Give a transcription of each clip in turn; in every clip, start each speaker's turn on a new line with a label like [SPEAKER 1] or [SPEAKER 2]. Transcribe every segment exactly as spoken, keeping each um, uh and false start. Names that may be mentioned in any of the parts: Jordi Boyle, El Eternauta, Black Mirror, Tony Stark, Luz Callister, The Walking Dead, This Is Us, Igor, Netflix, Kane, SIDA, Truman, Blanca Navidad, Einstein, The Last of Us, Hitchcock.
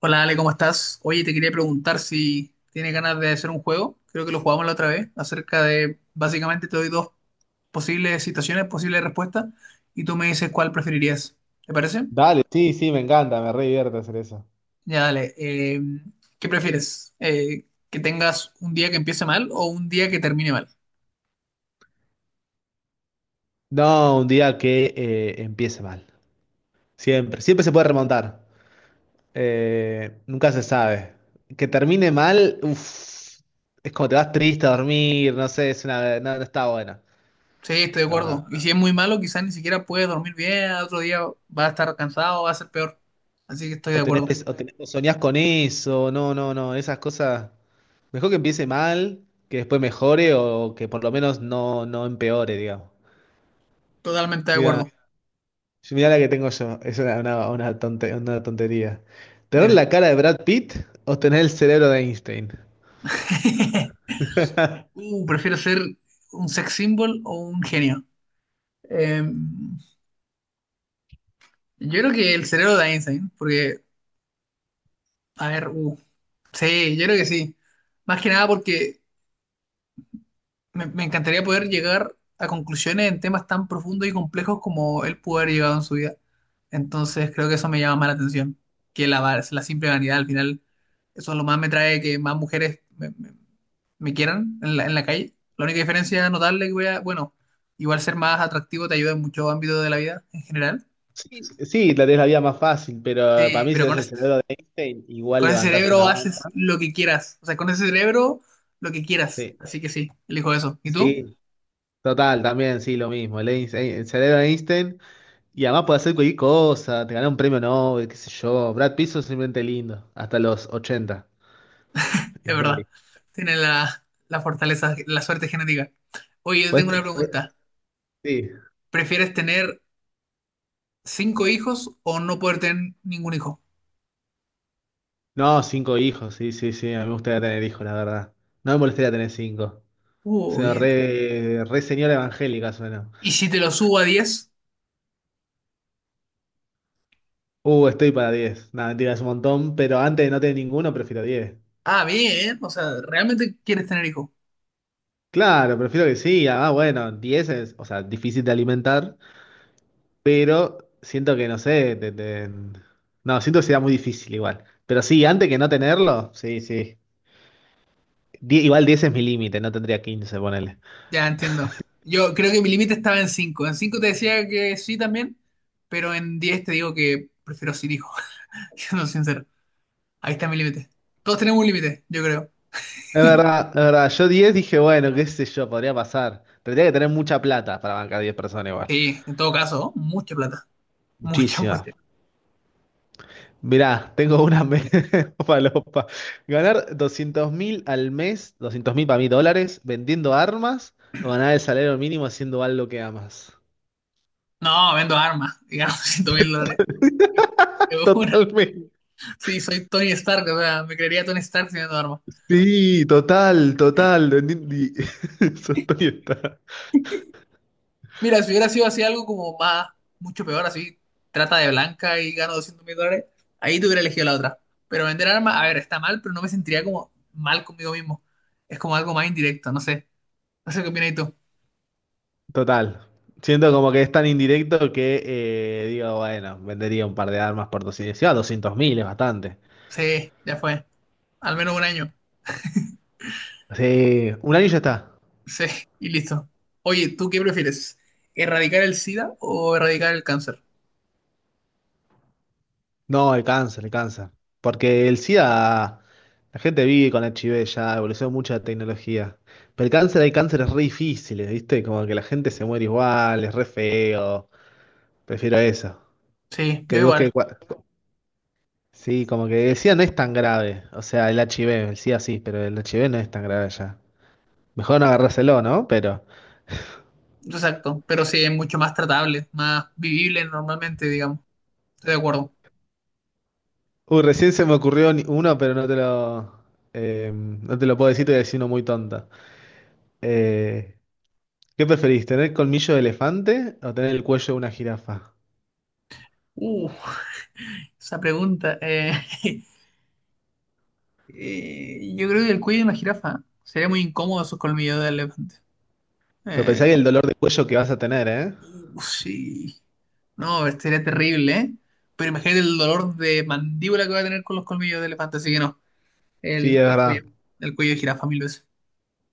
[SPEAKER 1] Hola Ale, ¿cómo estás? Oye, te quería preguntar si tienes ganas de hacer un juego, creo que lo jugamos la otra vez, acerca de, básicamente te doy dos posibles situaciones, posibles respuestas, y tú me dices cuál preferirías. ¿Te parece?
[SPEAKER 2] Dale, sí, sí, me encanta, me re divierte hacer eso.
[SPEAKER 1] Ya dale. Eh, ¿qué prefieres? Eh, ¿que tengas un día que empiece mal o un día que termine mal?
[SPEAKER 2] No, un día que eh, empiece mal. Siempre, siempre se puede remontar. Eh, nunca se sabe. Que termine mal, uff, es como te vas triste a dormir, no sé, es una, no, no está buena.
[SPEAKER 1] Sí, estoy de
[SPEAKER 2] No, no.
[SPEAKER 1] acuerdo. Y si es muy malo, quizás ni siquiera puedes dormir bien, al otro día vas a estar cansado, va a ser peor. Así que estoy
[SPEAKER 2] O
[SPEAKER 1] de
[SPEAKER 2] tenés,
[SPEAKER 1] acuerdo,
[SPEAKER 2] pes- o tenés- o soñás con eso, no, no, no, esas cosas. Mejor que empiece mal, que después mejore o que por lo menos no, no empeore, digamos.
[SPEAKER 1] totalmente de acuerdo.
[SPEAKER 2] Mira. Sí, mirá la que tengo yo. Es una, una, una tonte- una tontería. ¿Tener
[SPEAKER 1] Dime.
[SPEAKER 2] la cara de Brad Pitt o tener el cerebro de Einstein?
[SPEAKER 1] Uh, prefiero ser un sex symbol o un genio. Eh, yo creo que el cerebro de Einstein, porque, a ver, uh, sí, yo creo que sí. Más que nada porque me, me encantaría poder llegar a conclusiones en temas tan profundos y complejos como él pudo haber llegado en su vida. Entonces creo que eso me llama más la atención que la, va- la simple vanidad. Al final, eso es lo más me trae que más mujeres me, me quieran en la, en la calle. La única diferencia notable que voy a, bueno, igual ser más atractivo te ayuda en muchos ámbitos de la vida en general.
[SPEAKER 2] Sí, sí, la tenés la vida más fácil, pero para
[SPEAKER 1] Sí,
[SPEAKER 2] mí si
[SPEAKER 1] pero
[SPEAKER 2] tenés
[SPEAKER 1] con
[SPEAKER 2] el
[SPEAKER 1] ese,
[SPEAKER 2] cerebro de Einstein, igual
[SPEAKER 1] con ese
[SPEAKER 2] levantás
[SPEAKER 1] cerebro
[SPEAKER 2] una
[SPEAKER 1] haces
[SPEAKER 2] banda.
[SPEAKER 1] lo que quieras. O sea, con ese cerebro lo que quieras.
[SPEAKER 2] Sí,
[SPEAKER 1] Así que sí, elijo eso. ¿Y tú?
[SPEAKER 2] sí, total, también, sí, lo mismo. El, Einstein- el cerebro de Einstein. Y además puede hacer cualquier cosa, te ganás un premio Nobel, qué sé yo. Brad Pitt es simplemente lindo, hasta los ochenta. Y
[SPEAKER 1] Es
[SPEAKER 2] después
[SPEAKER 1] verdad.
[SPEAKER 2] morís.
[SPEAKER 1] Tienes la, la fortaleza, la suerte genética. Oye, yo tengo
[SPEAKER 2] Podés-
[SPEAKER 1] una
[SPEAKER 2] podés-
[SPEAKER 1] pregunta.
[SPEAKER 2] sí.
[SPEAKER 1] ¿Prefieres tener cinco hijos o no poder tener ningún hijo?
[SPEAKER 2] No, cinco hijos, sí, sí, sí, a mí me gustaría tener hijos, la verdad. No me molestaría tener cinco. O
[SPEAKER 1] Uh,
[SPEAKER 2] sea,
[SPEAKER 1] bien.
[SPEAKER 2] re, re señora evangélica suena.
[SPEAKER 1] ¿Y si te lo subo a diez?
[SPEAKER 2] Uh, estoy para diez. Nada, mentira, es un montón, pero antes de no tener ninguno, prefiero diez.
[SPEAKER 1] Ah, bien. O sea, ¿realmente quieres tener hijos?
[SPEAKER 2] Claro, prefiero que sí. Ah, bueno, diez es, o sea, difícil de alimentar, pero siento que, no sé, te- te- no, siento que sería muy difícil igual. Pero sí, antes que no tenerlo, sí, sí. Die- igual diez es mi límite, no tendría quince, ponele.
[SPEAKER 1] Ya entiendo. Yo creo que mi límite estaba en cinco. En cinco te decía que sí también, pero en diez te digo que prefiero sin hijo, siendo sincero. Ahí está mi límite. Todos tenemos un límite, yo creo.
[SPEAKER 2] Es verdad, es verdad. Yo diez dije, bueno, qué sé yo, podría pasar. Pero tenía que tener mucha plata para bancar diez personas igual.
[SPEAKER 1] Sí, en todo caso, mucha plata. Mucha, mucha.
[SPEAKER 2] Muchísima. Mirá, tengo una me- falopa. Ganar doscientos mil al mes, doscientos mil para mí dólares, vendiendo armas o ganar el salario mínimo haciendo algo que amas.
[SPEAKER 1] No, vendo armas y gano ciento mil dólares. De una.
[SPEAKER 2] Totalmente.
[SPEAKER 1] Sí, soy Tony Stark, o sea, me creería Tony Stark si vendo armas.
[SPEAKER 2] Sí, total, total. Entendí. Eso estoy está.
[SPEAKER 1] Mira, si hubiera sido así algo como más, mucho peor, así, trata de blanca y gano doscientos mil dólares, ahí te hubiera elegido la otra. Pero vender armas, a ver, está mal, pero no me sentiría como mal conmigo mismo. Es como algo más indirecto, no sé. No sé qué opinas tú.
[SPEAKER 2] Total. Siento como que es tan indirecto que eh, digo, bueno, vendería un par de armas por doscientos. Sí, a doscientos mil es bastante.
[SPEAKER 1] Sí, ya fue. Al menos un año.
[SPEAKER 2] Sí, un año ya está.
[SPEAKER 1] Sí, y listo. Oye, ¿tú qué prefieres? ¿Erradicar el SIDA o erradicar el cáncer?
[SPEAKER 2] No, el cáncer, el cáncer. Porque el SIDA, la gente vive con H I V ya, evolucionó mucho la tecnología. Pero el cáncer, hay cánceres re difíciles, ¿viste? Como que la gente se muere igual, es re feo. Prefiero eso.
[SPEAKER 1] Sí, yo
[SPEAKER 2] Que vos que...
[SPEAKER 1] igual.
[SPEAKER 2] cua- sí, como que el SIDA no es tan grave. O sea, el HIV, el SIDA sí, pero el H I V no es tan grave ya. Mejor no agarrárselo, ¿no? Pero...
[SPEAKER 1] Exacto. Pero sí, es mucho más tratable, más vivible normalmente, digamos. Estoy de acuerdo.
[SPEAKER 2] Uy, recién se me ocurrió ni- uno, pero no te lo... eh, no te lo puedo decir, te voy a decir uno muy tonto. Eh, ¿Qué preferís, tener colmillo de elefante o tener el cuello de una jirafa?
[SPEAKER 1] Uf, esa pregunta. Eh, Eh, yo creo que el cuello de una jirafa. Sería muy incómodo esos colmillos del elefante.
[SPEAKER 2] Pero pensá
[SPEAKER 1] Eh,
[SPEAKER 2] que el dolor de cuello que vas a tener, ¿eh?
[SPEAKER 1] uh, sí. No, sería terrible, ¿eh? Pero imagínate el dolor de mandíbula que va a tener con los colmillos de elefante, así que no.
[SPEAKER 2] Sí,
[SPEAKER 1] El,
[SPEAKER 2] es
[SPEAKER 1] el
[SPEAKER 2] verdad.
[SPEAKER 1] cuello, el cuello de jirafa mil veces.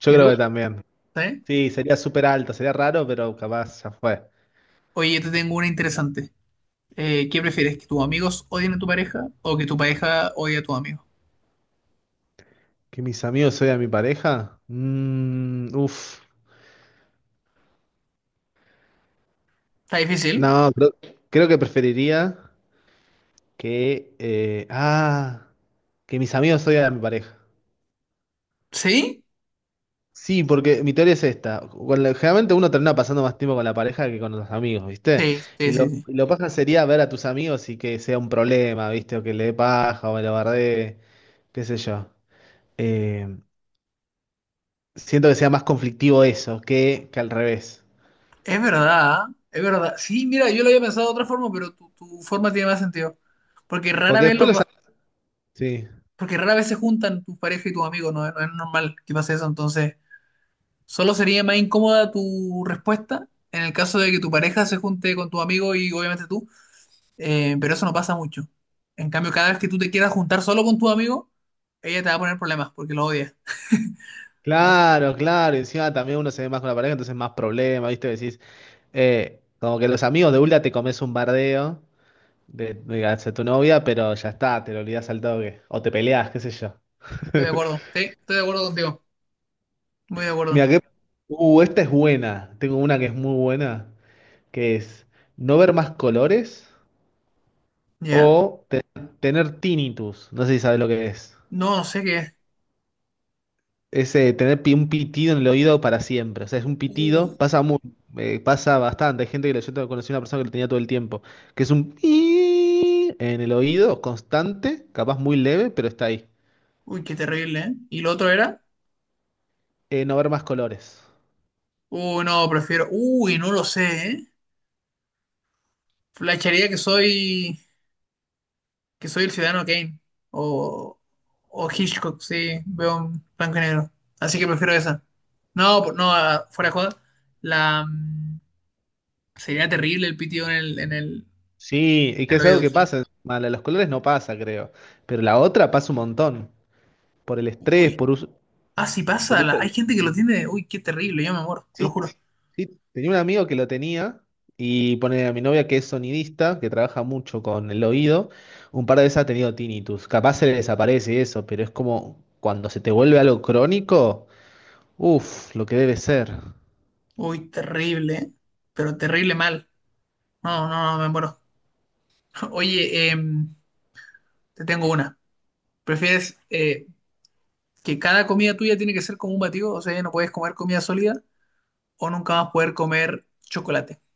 [SPEAKER 2] Yo
[SPEAKER 1] ¿Y
[SPEAKER 2] creo que
[SPEAKER 1] tú?
[SPEAKER 2] también.
[SPEAKER 1] ¿Sabes?
[SPEAKER 2] Sí, sería súper alto, sería raro, pero capaz ya fue.
[SPEAKER 1] Oye, yo te tengo una interesante. Eh, ¿qué prefieres? ¿Que tus amigos odien a tu pareja o que tu pareja odie a tus amigos?
[SPEAKER 2] ¿Que mis amigos a mi pareja? Mmm, uf.
[SPEAKER 1] Está difícil.
[SPEAKER 2] No, creo, creo que preferiría que... eh, ah, que mis amigos a mi pareja.
[SPEAKER 1] ¿Sí?
[SPEAKER 2] Sí, porque mi teoría es esta. Con la- generalmente uno termina pasando más tiempo con la pareja que con los amigos, ¿viste?
[SPEAKER 1] Sí, sí,
[SPEAKER 2] Y
[SPEAKER 1] sí,
[SPEAKER 2] lo,
[SPEAKER 1] sí.
[SPEAKER 2] y lo paja sería ver a tus amigos y que sea un problema, ¿viste? O que le dé paja o me lo bardee, qué sé yo. Eh, Siento que sea más conflictivo eso que, que al revés.
[SPEAKER 1] Es verdad, ¿ah? Es verdad. Sí, mira, yo lo había pensado de otra forma, pero tu, tu forma tiene más sentido. Porque rara
[SPEAKER 2] Porque
[SPEAKER 1] vez
[SPEAKER 2] después
[SPEAKER 1] los,
[SPEAKER 2] los...
[SPEAKER 1] va-
[SPEAKER 2] am- sí.
[SPEAKER 1] porque rara vez se juntan tu pareja y tus amigos, no, no es normal que pase eso. Entonces, solo sería más incómoda tu respuesta en el caso de que tu pareja se junte con tu amigo y obviamente tú, eh, pero eso no pasa mucho. En cambio, cada vez que tú te quieras juntar solo con tu amigo, ella te va a poner problemas porque lo odia. Así que
[SPEAKER 2] Claro, claro. Y encima también uno se ve más con la pareja, entonces más problema, ¿viste? Decís, eh, como que los amigos de Ulda te comes un bardeo de, de hacia tu novia, pero ya está, te lo olvidás al toque. O te peleás, qué sé yo.
[SPEAKER 1] estoy de acuerdo. Sí, estoy de acuerdo contigo. Muy de acuerdo.
[SPEAKER 2] Mira, que... Uh, esta es buena. Tengo una que es muy buena, que es no ver más colores
[SPEAKER 1] ¿Ya?
[SPEAKER 2] o te- tener tinnitus. No sé si sabes lo que es.
[SPEAKER 1] No, no sé qué
[SPEAKER 2] Es eh, tener pi- un pitido en el oído para siempre. O sea, es un pitido,
[SPEAKER 1] es.
[SPEAKER 2] pasa mu- eh, pasa bastante. Hay gente que lo, yo te- conocí a una persona que lo tenía todo el tiempo, que es un en el oído constante, capaz muy leve, pero está ahí.
[SPEAKER 1] Uy, qué terrible, ¿eh? ¿Y lo otro era?
[SPEAKER 2] Eh, no ver más colores.
[SPEAKER 1] Uy, no, prefiero. Uy, no lo sé, ¿eh? Flasharía que soy. que soy el ciudadano Kane. O. O Hitchcock, sí, veo un blanco y negro. Así que prefiero esa. No, por- no, ah, fuera de joda. La. mm, Sería terrible el pitido en el, en el,
[SPEAKER 2] Sí, y
[SPEAKER 1] en
[SPEAKER 2] que
[SPEAKER 1] el
[SPEAKER 2] es algo
[SPEAKER 1] oído.
[SPEAKER 2] que pasa. Encima, la de los colores no pasa, creo. Pero la otra pasa un montón. Por el estrés,
[SPEAKER 1] Uy.
[SPEAKER 2] por uso,
[SPEAKER 1] Ah, sí
[SPEAKER 2] por
[SPEAKER 1] pasa.
[SPEAKER 2] uso
[SPEAKER 1] la- Hay
[SPEAKER 2] del-
[SPEAKER 1] gente que lo tiene. Uy, qué terrible, yo me muero, te lo
[SPEAKER 2] sí,
[SPEAKER 1] juro.
[SPEAKER 2] sí, tenía un amigo que lo tenía y pone a mi novia que es sonidista, que trabaja mucho con el oído, un par de veces ha tenido tinnitus. Capaz se le desaparece y eso, pero es como cuando se te vuelve algo crónico, uff, lo que debe ser.
[SPEAKER 1] Uy, terrible, ¿eh? Pero terrible mal. No, no, no, me muero. Oye, em, te tengo una. ¿Prefieres eh, que cada comida tuya tiene que ser como un batido? O sea, ya no puedes comer comida sólida o nunca vas a poder comer chocolate.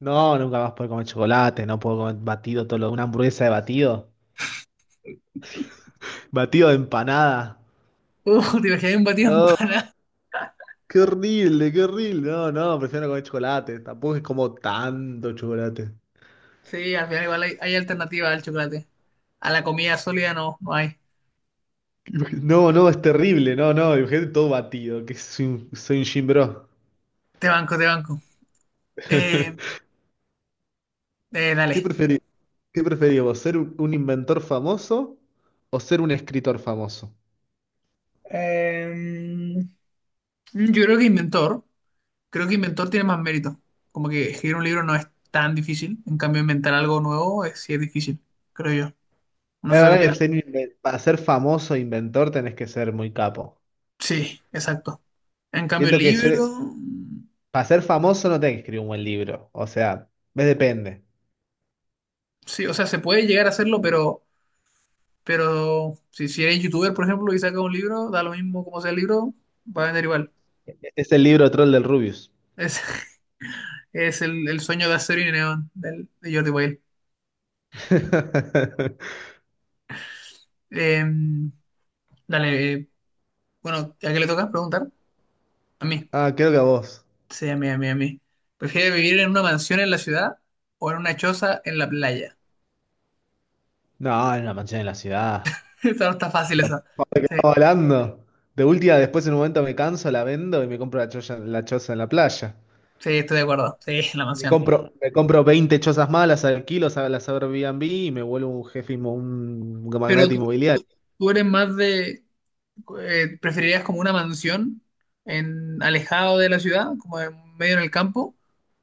[SPEAKER 2] No, nunca más puedo comer chocolate, no puedo comer batido, todo lo- una hamburguesa de batido, batido de empanada.
[SPEAKER 1] Uh, te imaginas un batido en
[SPEAKER 2] No,
[SPEAKER 1] pana.
[SPEAKER 2] qué horrible, qué horrible. No, no, prefiero no comer chocolate, tampoco es como tanto chocolate.
[SPEAKER 1] Sí, al final igual hay, hay alternativa al chocolate. A la comida sólida no, no hay.
[SPEAKER 2] No, no, es terrible, no, no, imagínate todo batido, que soy un, soy un gym bro.
[SPEAKER 1] Te banco, te banco. Eh, eh,
[SPEAKER 2] ¿Qué
[SPEAKER 1] dale.
[SPEAKER 2] preferí, ¿qué preferís vos, ser un un inventor famoso o ser un escritor famoso?
[SPEAKER 1] Eh, yo creo que inventor, creo que inventor tiene más mérito. Como que escribir un libro no es tan difícil. En cambio, inventar algo nuevo es, sí es difícil, creo yo. No
[SPEAKER 2] La
[SPEAKER 1] sé qué
[SPEAKER 2] verdad que
[SPEAKER 1] opinas.
[SPEAKER 2] ser inven- para ser famoso e inventor tenés que ser muy capo.
[SPEAKER 1] Sí, exacto. En cambio, el
[SPEAKER 2] Siento que
[SPEAKER 1] libro,
[SPEAKER 2] ser,
[SPEAKER 1] mm,
[SPEAKER 2] para ser famoso no tenés que escribir un buen libro, o sea, me depende.
[SPEAKER 1] sí, o sea, se puede llegar a hacerlo, pero, pero si, si eres youtuber, por ejemplo, y sacas un libro, da lo mismo como sea el libro, va a vender igual.
[SPEAKER 2] Este es el libro troll del Rubius.
[SPEAKER 1] Es, es el, el sueño de acero y neón del, de Jordi Boyle. Eh, dale, eh, bueno, ¿a qué le toca preguntar? A mí.
[SPEAKER 2] Ah, creo que a vos.
[SPEAKER 1] Sí, a mí, a mí, a mí. ¿Prefieres vivir en una mansión en la ciudad o en una choza en la playa?
[SPEAKER 2] No, en una mansión en la ciudad.
[SPEAKER 1] Esa no está fácil esa.
[SPEAKER 2] Aparte que
[SPEAKER 1] Sí,
[SPEAKER 2] estaba hablando. De última, después en un momento me canso, la vendo y me compro la choza, la choza en la playa.
[SPEAKER 1] sí, estoy de acuerdo. Sí, la
[SPEAKER 2] Me
[SPEAKER 1] mansión.
[SPEAKER 2] compro, me compro veinte chozas más, las alquilo, sa- las Airbnb y me vuelvo un jefe, inmo- un
[SPEAKER 1] Pero
[SPEAKER 2] magnate
[SPEAKER 1] tú
[SPEAKER 2] inmobiliario.
[SPEAKER 1] tú eres más de, eh, ¿preferirías como una mansión en alejado de la ciudad, como en medio en el campo?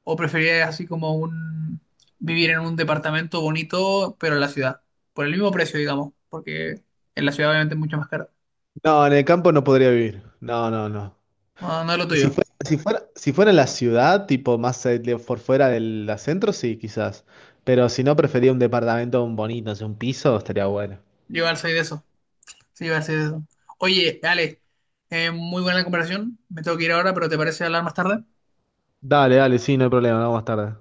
[SPEAKER 1] ¿O preferirías así como un vivir en un departamento bonito, pero en la ciudad? Por el mismo precio, digamos, porque en la ciudad obviamente es mucho más caro.
[SPEAKER 2] No, en el campo no podría vivir. No, no, no.
[SPEAKER 1] No, no es lo
[SPEAKER 2] Si
[SPEAKER 1] tuyo.
[SPEAKER 2] fuera, si fuera, si fuera en la ciudad, tipo más eh, de- por fuera del la centro, sí, quizás. Pero si no, prefería un departamento bonito, así, un piso, estaría bueno.
[SPEAKER 1] Yo igual soy de eso. Sí, igual soy de eso. Oye, Ale, eh, muy buena la conversación. Me tengo que ir ahora, pero ¿te parece hablar más tarde?
[SPEAKER 2] Dale, dale, sí, no hay problema, vamos más tarde.